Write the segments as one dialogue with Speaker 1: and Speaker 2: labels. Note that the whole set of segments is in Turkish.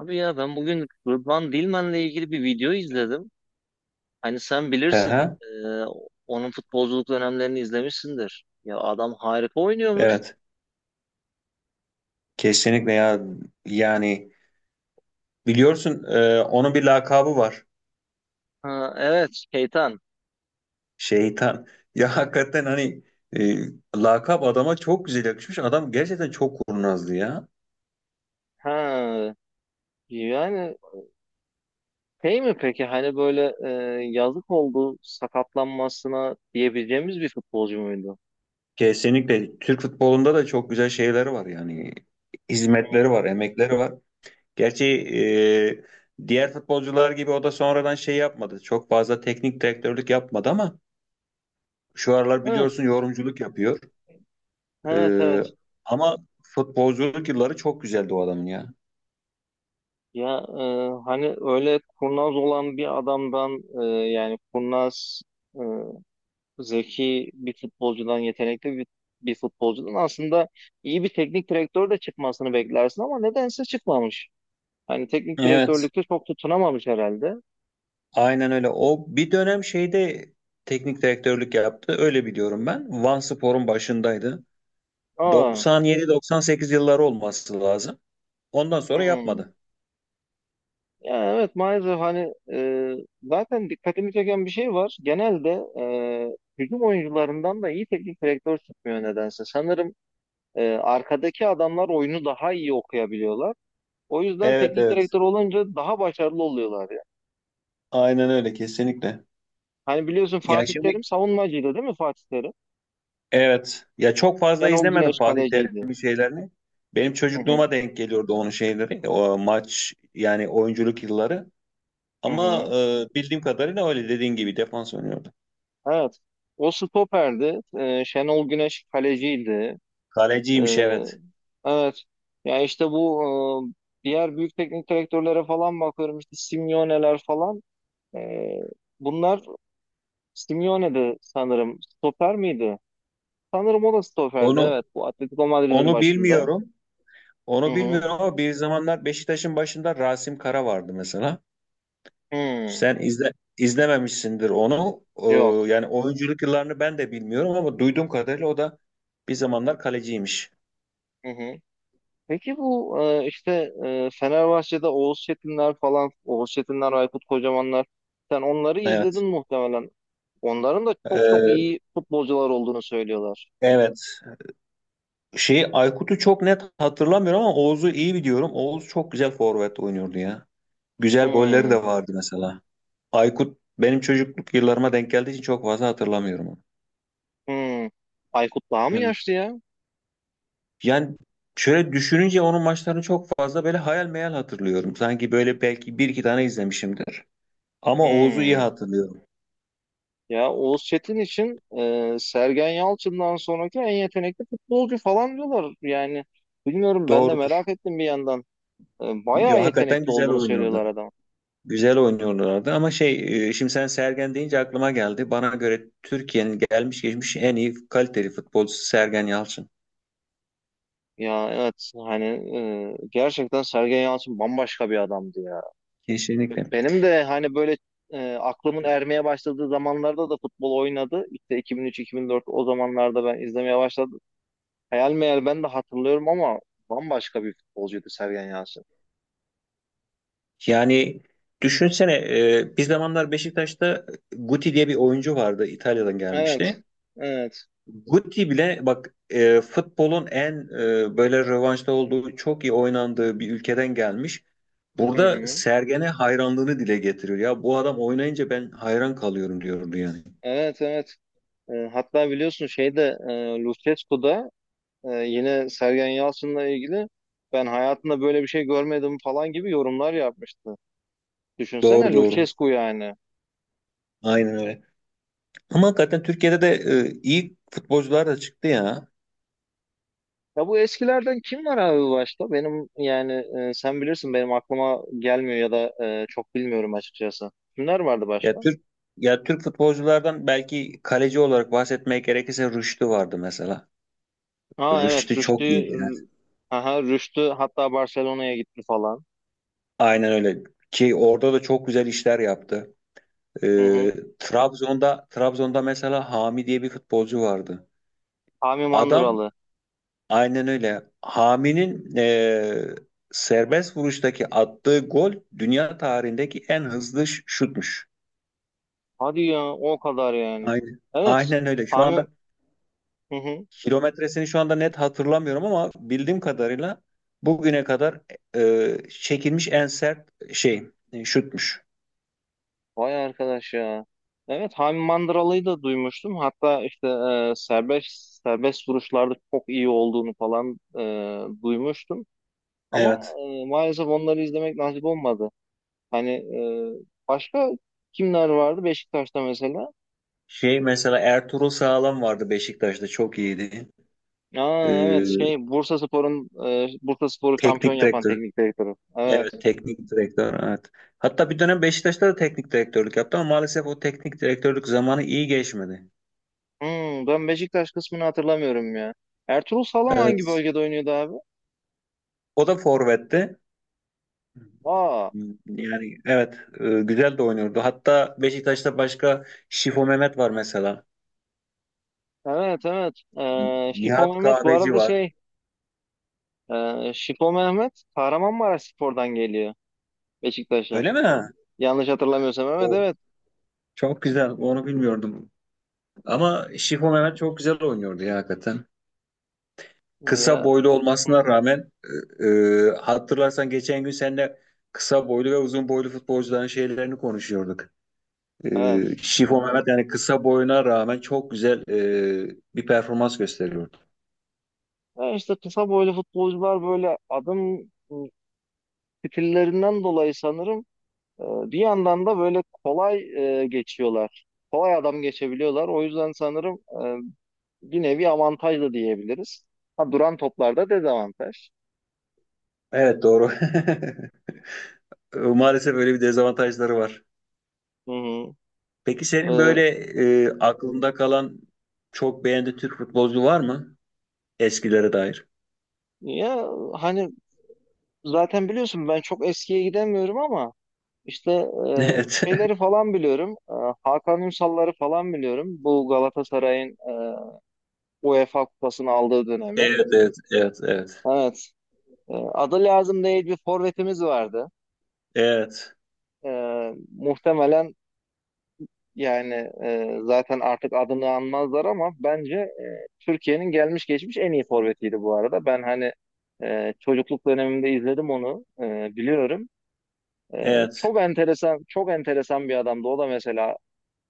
Speaker 1: Abi ya ben bugün Rıdvan Dilmen'le ilgili bir video izledim. Hani sen
Speaker 2: Hı
Speaker 1: bilirsin,
Speaker 2: hı,
Speaker 1: onun futbolculuk dönemlerini izlemişsindir. Ya adam harika oynuyormuş.
Speaker 2: evet. Kesinlikle ya. Yani biliyorsun onun bir lakabı var.
Speaker 1: Ha, evet, Keytan.
Speaker 2: Şeytan. Ya hakikaten hani e, lakap adama çok güzel yakışmış. Adam gerçekten çok kurnazdı ya.
Speaker 1: Ha, yani şey mi peki hani böyle yazık oldu sakatlanmasına diyebileceğimiz bir futbolcu muydu?
Speaker 2: Kesinlikle Türk futbolunda da çok güzel şeyleri var yani.
Speaker 1: Hı,
Speaker 2: Hizmetleri var, emekleri var. Gerçi diğer futbolcular gibi o da sonradan şey yapmadı. Çok fazla teknik direktörlük yapmadı ama şu aralar biliyorsun
Speaker 1: evet,
Speaker 2: yorumculuk yapıyor.
Speaker 1: evet,
Speaker 2: Ee,
Speaker 1: evet.
Speaker 2: ama futbolculuk yılları çok güzeldi o adamın ya.
Speaker 1: Ya hani öyle kurnaz olan bir adamdan e, yani kurnaz zeki bir futbolcudan, yetenekli bir futbolcudan aslında iyi bir teknik direktör de çıkmasını beklersin ama nedense çıkmamış. Hani teknik
Speaker 2: Evet,
Speaker 1: direktörlükte çok tutunamamış herhalde.
Speaker 2: aynen öyle. O bir dönem şeyde teknik direktörlük yaptı. Öyle biliyorum ben. Vanspor'un başındaydı.
Speaker 1: Aa,
Speaker 2: 97-98 yılları olması lazım. Ondan sonra
Speaker 1: hmm.
Speaker 2: yapmadı.
Speaker 1: Ya evet maalesef hani zaten dikkatimi çeken bir şey var. Genelde hücum oyuncularından da iyi teknik direktör çıkmıyor nedense. Sanırım arkadaki adamlar oyunu daha iyi okuyabiliyorlar. O yüzden
Speaker 2: Evet
Speaker 1: teknik
Speaker 2: evet.
Speaker 1: direktör olunca daha başarılı oluyorlar.
Speaker 2: Aynen öyle kesinlikle.
Speaker 1: Hani biliyorsun
Speaker 2: Ya
Speaker 1: Fatih
Speaker 2: şimdi
Speaker 1: Terim savunmacıydı değil mi Fatih Terim?
Speaker 2: evet. Ya çok fazla
Speaker 1: Şenol
Speaker 2: izlemedim
Speaker 1: Güneş
Speaker 2: Fatih
Speaker 1: kaleciydi.
Speaker 2: Terim'in şeylerini. Benim
Speaker 1: Hı hı,
Speaker 2: çocukluğuma denk geliyordu onun şeyleri. O maç yani oyunculuk yılları.
Speaker 1: hı
Speaker 2: Ama
Speaker 1: hı.
Speaker 2: bildiğim kadarıyla öyle dediğin gibi defans oynuyordu.
Speaker 1: Evet. O stoperdi. Şenol Güneş kaleciydi.
Speaker 2: Kaleciymiş
Speaker 1: Ee,
Speaker 2: evet.
Speaker 1: evet. Ya işte bu diğer büyük teknik direktörlere falan bakıyorum işte Simeone'ler falan. Ee, bunlar Simeone'di sanırım. Stoper miydi? Sanırım o da stoperdi
Speaker 2: Onu
Speaker 1: evet. Bu Atletico Madrid'in
Speaker 2: onu
Speaker 1: başında.
Speaker 2: bilmiyorum.
Speaker 1: Hı
Speaker 2: Onu
Speaker 1: hı.
Speaker 2: bilmiyorum ama bir zamanlar Beşiktaş'ın başında Rasim Kara vardı mesela.
Speaker 1: Hı.
Speaker 2: Sen izle, izlememişsindir onu.
Speaker 1: Yok.
Speaker 2: Yani oyunculuk yıllarını ben de bilmiyorum ama duyduğum kadarıyla o da bir zamanlar kaleciymiş.
Speaker 1: Hı hı. Peki bu işte Fenerbahçe'de Oğuz Çetinler falan, Oğuz Çetinler, Aykut Kocamanlar. Sen onları izledin
Speaker 2: Evet.
Speaker 1: muhtemelen. Onların da çok çok
Speaker 2: E,
Speaker 1: iyi futbolcular olduğunu söylüyorlar.
Speaker 2: evet. Şey Aykut'u çok net hatırlamıyorum ama Oğuz'u iyi biliyorum. Oğuz çok güzel forvet oynuyordu ya. Güzel golleri
Speaker 1: Hmm,
Speaker 2: de vardı mesela. Aykut benim çocukluk yıllarıma denk geldiği için çok fazla hatırlamıyorum onu.
Speaker 1: hmm. Aykut daha mı
Speaker 2: Evet.
Speaker 1: yaşlı ya?
Speaker 2: Yani şöyle düşününce onun maçlarını çok fazla böyle hayal meyal hatırlıyorum. Sanki böyle belki bir iki tane izlemişimdir. Ama Oğuz'u iyi
Speaker 1: Hmm.
Speaker 2: hatırlıyorum.
Speaker 1: Ya Oğuz Çetin için Sergen Yalçın'dan sonraki en yetenekli futbolcu falan diyorlar. Yani bilmiyorum ben de
Speaker 2: Doğrudur.
Speaker 1: merak ettim bir yandan. Bayağı
Speaker 2: Ya, hakikaten
Speaker 1: yetenekli
Speaker 2: güzel
Speaker 1: olduğunu söylüyorlar
Speaker 2: oynuyordu.
Speaker 1: adam.
Speaker 2: Güzel oynuyorlardı ama şey şimdi sen Sergen deyince aklıma geldi. Bana göre Türkiye'nin gelmiş geçmiş en iyi kaliteli futbolcusu Sergen Yalçın.
Speaker 1: Ya evet hani gerçekten Sergen Yalçın bambaşka bir adamdı ya.
Speaker 2: Kesinlikle.
Speaker 1: Benim de hani böyle aklımın ermeye başladığı zamanlarda da futbol oynadı. İşte 2003-2004 o zamanlarda ben izlemeye başladım. Hayal meyal ben de hatırlıyorum ama bambaşka bir futbolcuydu Sergen Yalçın.
Speaker 2: Yani düşünsene bir zamanlar Beşiktaş'ta Guti diye bir oyuncu vardı İtalya'dan
Speaker 1: Evet,
Speaker 2: gelmişti.
Speaker 1: evet,
Speaker 2: Guti bile bak futbolun en böyle rövanşta olduğu çok iyi oynandığı bir ülkeden gelmiş.
Speaker 1: hı
Speaker 2: Burada
Speaker 1: hı.
Speaker 2: Sergen'e hayranlığını dile getiriyor. Ya bu adam oynayınca ben hayran kalıyorum diyordu yani.
Speaker 1: Evet, evet. Hatta biliyorsun şeyde Lucescu'da yine Sergen Yalçın'la ilgili ben hayatımda böyle bir şey görmedim falan gibi yorumlar yapmıştı.
Speaker 2: Doğru
Speaker 1: Düşünsene
Speaker 2: doğru.
Speaker 1: Lucescu yani.
Speaker 2: Aynen öyle. Ama hakikaten Türkiye'de de iyi futbolcular da çıktı ya.
Speaker 1: Ya bu eskilerden kim var abi başta? Benim yani sen bilirsin benim aklıma gelmiyor ya da çok bilmiyorum açıkçası. Kimler vardı
Speaker 2: Ya
Speaker 1: başka?
Speaker 2: Türk ya Türk futbolculardan belki kaleci olarak bahsetmeye gerekirse Rüştü vardı mesela.
Speaker 1: Ha, evet,
Speaker 2: Rüştü çok
Speaker 1: Rüştü.
Speaker 2: iyiydi. Yani.
Speaker 1: Aha, Rüştü hatta Barcelona'ya gitti falan.
Speaker 2: Aynen öyle. Ki orada da çok güzel işler yaptı.
Speaker 1: Hı hı.
Speaker 2: Trabzon'da mesela Hami diye bir futbolcu vardı.
Speaker 1: Hami
Speaker 2: Adam
Speaker 1: Mandıralı.
Speaker 2: aynen öyle. Hami'nin serbest vuruştaki attığı gol dünya tarihindeki en hızlı şutmuş.
Speaker 1: Hadi ya, o kadar yani.
Speaker 2: Aynen.
Speaker 1: Evet,
Speaker 2: Aynen öyle. Şu
Speaker 1: Hami,
Speaker 2: anda
Speaker 1: hı hı.
Speaker 2: Kilometresini şu anda net hatırlamıyorum ama bildiğim kadarıyla bugüne kadar çekilmiş en sert şey şutmuş.
Speaker 1: Vay arkadaş ya. Evet, Hami Mandıralı'yı da duymuştum. Hatta işte serbest vuruşlarda çok iyi olduğunu falan duymuştum. Ama
Speaker 2: Evet.
Speaker 1: maalesef onları izlemek nasip olmadı. Hani başka kimler vardı Beşiktaş'ta mesela?
Speaker 2: Şey mesela Ertuğrul Sağlam vardı Beşiktaş'ta çok iyiydi. E,
Speaker 1: Aa, evet, şey Bursaspor'u şampiyon
Speaker 2: teknik
Speaker 1: yapan
Speaker 2: direktör.
Speaker 1: teknik direktörü. Evet.
Speaker 2: Evet teknik direktör evet. Hatta bir dönem Beşiktaş'ta da teknik direktörlük yaptı ama maalesef o teknik direktörlük zamanı iyi geçmedi.
Speaker 1: Hmm, ben Beşiktaş kısmını hatırlamıyorum ya. Ertuğrul Sağlam hangi
Speaker 2: Evet.
Speaker 1: bölgede oynuyordu abi?
Speaker 2: O da forvetti.
Speaker 1: Aa,
Speaker 2: Yani evet güzel de oynuyordu. Hatta Beşiktaş'ta başka Şifo Mehmet var mesela.
Speaker 1: evet evet. Şipo
Speaker 2: Nihat
Speaker 1: Mehmet bu
Speaker 2: Kahveci
Speaker 1: arada
Speaker 2: var.
Speaker 1: şey Şipo Mehmet Kahramanmaraşspor'dan geliyor Beşiktaş'a.
Speaker 2: Öyle mi?
Speaker 1: Yanlış hatırlamıyorsam evet
Speaker 2: O
Speaker 1: evet.
Speaker 2: Çok güzel. Onu bilmiyordum. Ama Şifo Mehmet çok güzel oynuyordu ya hakikaten. Kısa
Speaker 1: Ya,
Speaker 2: boylu olmasına rağmen e, hatırlarsan geçen gün seninle kısa boylu ve uzun boylu futbolcuların şeylerini konuşuyorduk.
Speaker 1: evet.
Speaker 2: Şifo Mehmet yani kısa boyuna rağmen çok güzel bir performans gösteriyordu.
Speaker 1: Ya işte kısa boylu futbolcular böyle adım stillerinden dolayı sanırım e, bir yandan da böyle kolay geçiyorlar. Kolay adam geçebiliyorlar. O yüzden sanırım bir nevi avantaj da diyebiliriz. Ha, duran toplarda dezavantaj.
Speaker 2: Evet doğru. Maalesef öyle bir dezavantajları var.
Speaker 1: Hı hı.
Speaker 2: Peki senin
Speaker 1: E,
Speaker 2: böyle aklında kalan çok beğendiğin Türk futbolcu var mı? Eskilere dair.
Speaker 1: ya hani zaten biliyorsun ben çok eskiye gidemiyorum ama işte e,
Speaker 2: Evet.
Speaker 1: şeyleri falan biliyorum. Hakan Ünsal'ları falan biliyorum. Bu Galatasaray'ın UEFA kupasını aldığı dönemi.
Speaker 2: Evet, evet, evet, evet.
Speaker 1: Evet. Adı lazım değil bir forvetimiz vardı.
Speaker 2: Evet,
Speaker 1: Muhtemelen yani zaten artık adını anmazlar ama bence Türkiye'nin gelmiş geçmiş en iyi forvetiydi bu arada. Ben hani çocukluk dönemimde izledim onu biliyorum. E,
Speaker 2: evet.
Speaker 1: çok enteresan çok enteresan bir adamdı. O da mesela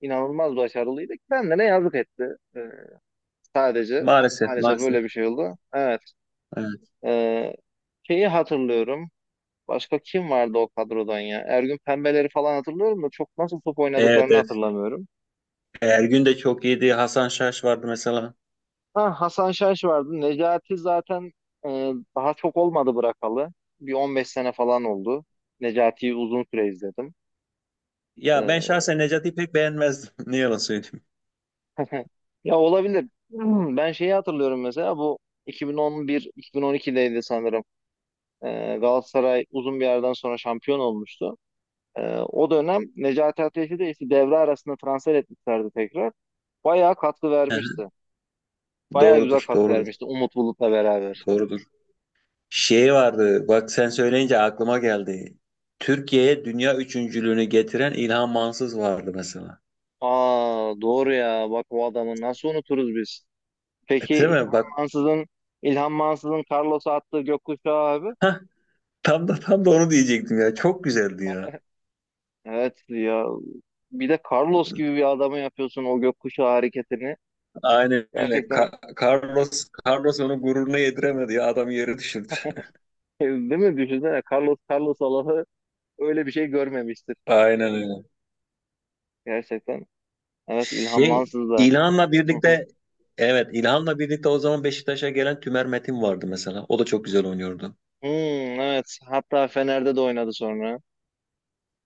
Speaker 1: inanılmaz başarılıydı. Kendine yazık etti. E, sadece
Speaker 2: Maalesef,
Speaker 1: maalesef
Speaker 2: maalesef.
Speaker 1: öyle bir şey oldu. Evet.
Speaker 2: Evet,
Speaker 1: E, şeyi hatırlıyorum. Başka kim vardı o kadrodan ya? Ergün Pembeleri falan hatırlıyorum da çok nasıl top
Speaker 2: evet.
Speaker 1: oynadıklarını
Speaker 2: evet.
Speaker 1: hatırlamıyorum.
Speaker 2: Ergün de çok iyiydi. Hasan Şaş vardı mesela.
Speaker 1: Ha, Hasan Şaş vardı. Necati zaten e, daha çok olmadı bırakalı. Bir 15 sene falan oldu. Necati'yi uzun süre izledim.
Speaker 2: Ya ben
Speaker 1: E,
Speaker 2: şahsen Necati'yi pek beğenmezdim. Ne yalan söyleyeyim.
Speaker 1: Ya olabilir. Hmm, ben şeyi hatırlıyorum mesela bu 2011-2012'deydi sanırım. E, Galatasaray uzun bir yerden sonra şampiyon olmuştu. O dönem Necati Ateş'i de işte devre arasında transfer etmişlerdi tekrar. Bayağı katkı vermişti. Bayağı güzel
Speaker 2: Doğrudur,
Speaker 1: katkı
Speaker 2: doğrudur,
Speaker 1: vermişti Umut Bulut'la beraber.
Speaker 2: doğrudur. Şey vardı, bak sen söyleyince aklıma geldi. Türkiye'ye dünya üçüncülüğünü getiren İlhan Mansız vardı mesela.
Speaker 1: Aa, doğru ya. Bak, o adamı nasıl unuturuz biz?
Speaker 2: E,
Speaker 1: Peki
Speaker 2: Değil mi? Bak,
Speaker 1: Mansız'ın İlhan Mansız'ın Carlos'a attığı gökkuşağı abi.
Speaker 2: hah, Tam da onu diyecektim ya. Çok güzeldi ya.
Speaker 1: Evet ya. Bir de Carlos gibi bir adamı yapıyorsun o gökkuşağı hareketini.
Speaker 2: Aynen öyle. Ka-
Speaker 1: Gerçekten
Speaker 2: Carlos onu gururuna yediremedi ya. Adam yere düşürdü.
Speaker 1: değil mi? Düşünsene Carlos Allah'ı öyle bir şey görmemiştir.
Speaker 2: Aynen öyle.
Speaker 1: Gerçekten. Evet, İlhan
Speaker 2: Şey
Speaker 1: Mansız da.
Speaker 2: İlhan'la
Speaker 1: Hı hı.
Speaker 2: birlikte evet İlhan'la birlikte o zaman Beşiktaş'a gelen Tümer Metin vardı mesela. O da çok güzel oynuyordu.
Speaker 1: Hmm, evet. Hatta Fener'de de oynadı sonra.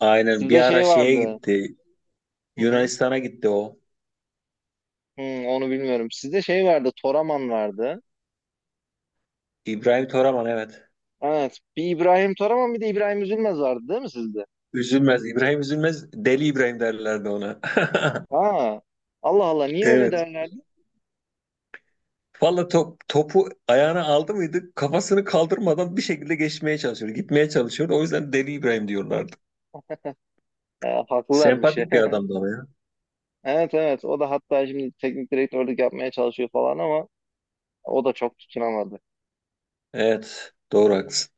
Speaker 2: Aynen bir
Speaker 1: Sizde
Speaker 2: ara
Speaker 1: şey
Speaker 2: şeye
Speaker 1: vardı.
Speaker 2: gitti.
Speaker 1: Hı hı.
Speaker 2: Yunanistan'a gitti o.
Speaker 1: Hmm, onu bilmiyorum. Sizde şey vardı, Toraman vardı.
Speaker 2: İbrahim Toraman evet.
Speaker 1: Evet, bir İbrahim Toraman bir de İbrahim Üzülmez vardı değil mi sizde?
Speaker 2: Üzülmez. İbrahim üzülmez. Deli İbrahim derlerdi ona.
Speaker 1: Aa, Allah Allah, niye öyle
Speaker 2: Evet.
Speaker 1: derlerdi?
Speaker 2: Valla top, topu ayağına aldı mıydı kafasını kaldırmadan bir şekilde geçmeye çalışıyordu. Gitmeye çalışıyordu. O yüzden Deli İbrahim diyorlardı.
Speaker 1: Ha, haklılarmış ya.
Speaker 2: Sempatik bir adamdı ama ya.
Speaker 1: Evet evet, o da hatta şimdi teknik direktörlük yapmaya çalışıyor falan ama o da çok tutunamadı.
Speaker 2: Evet. Doğru haklısın.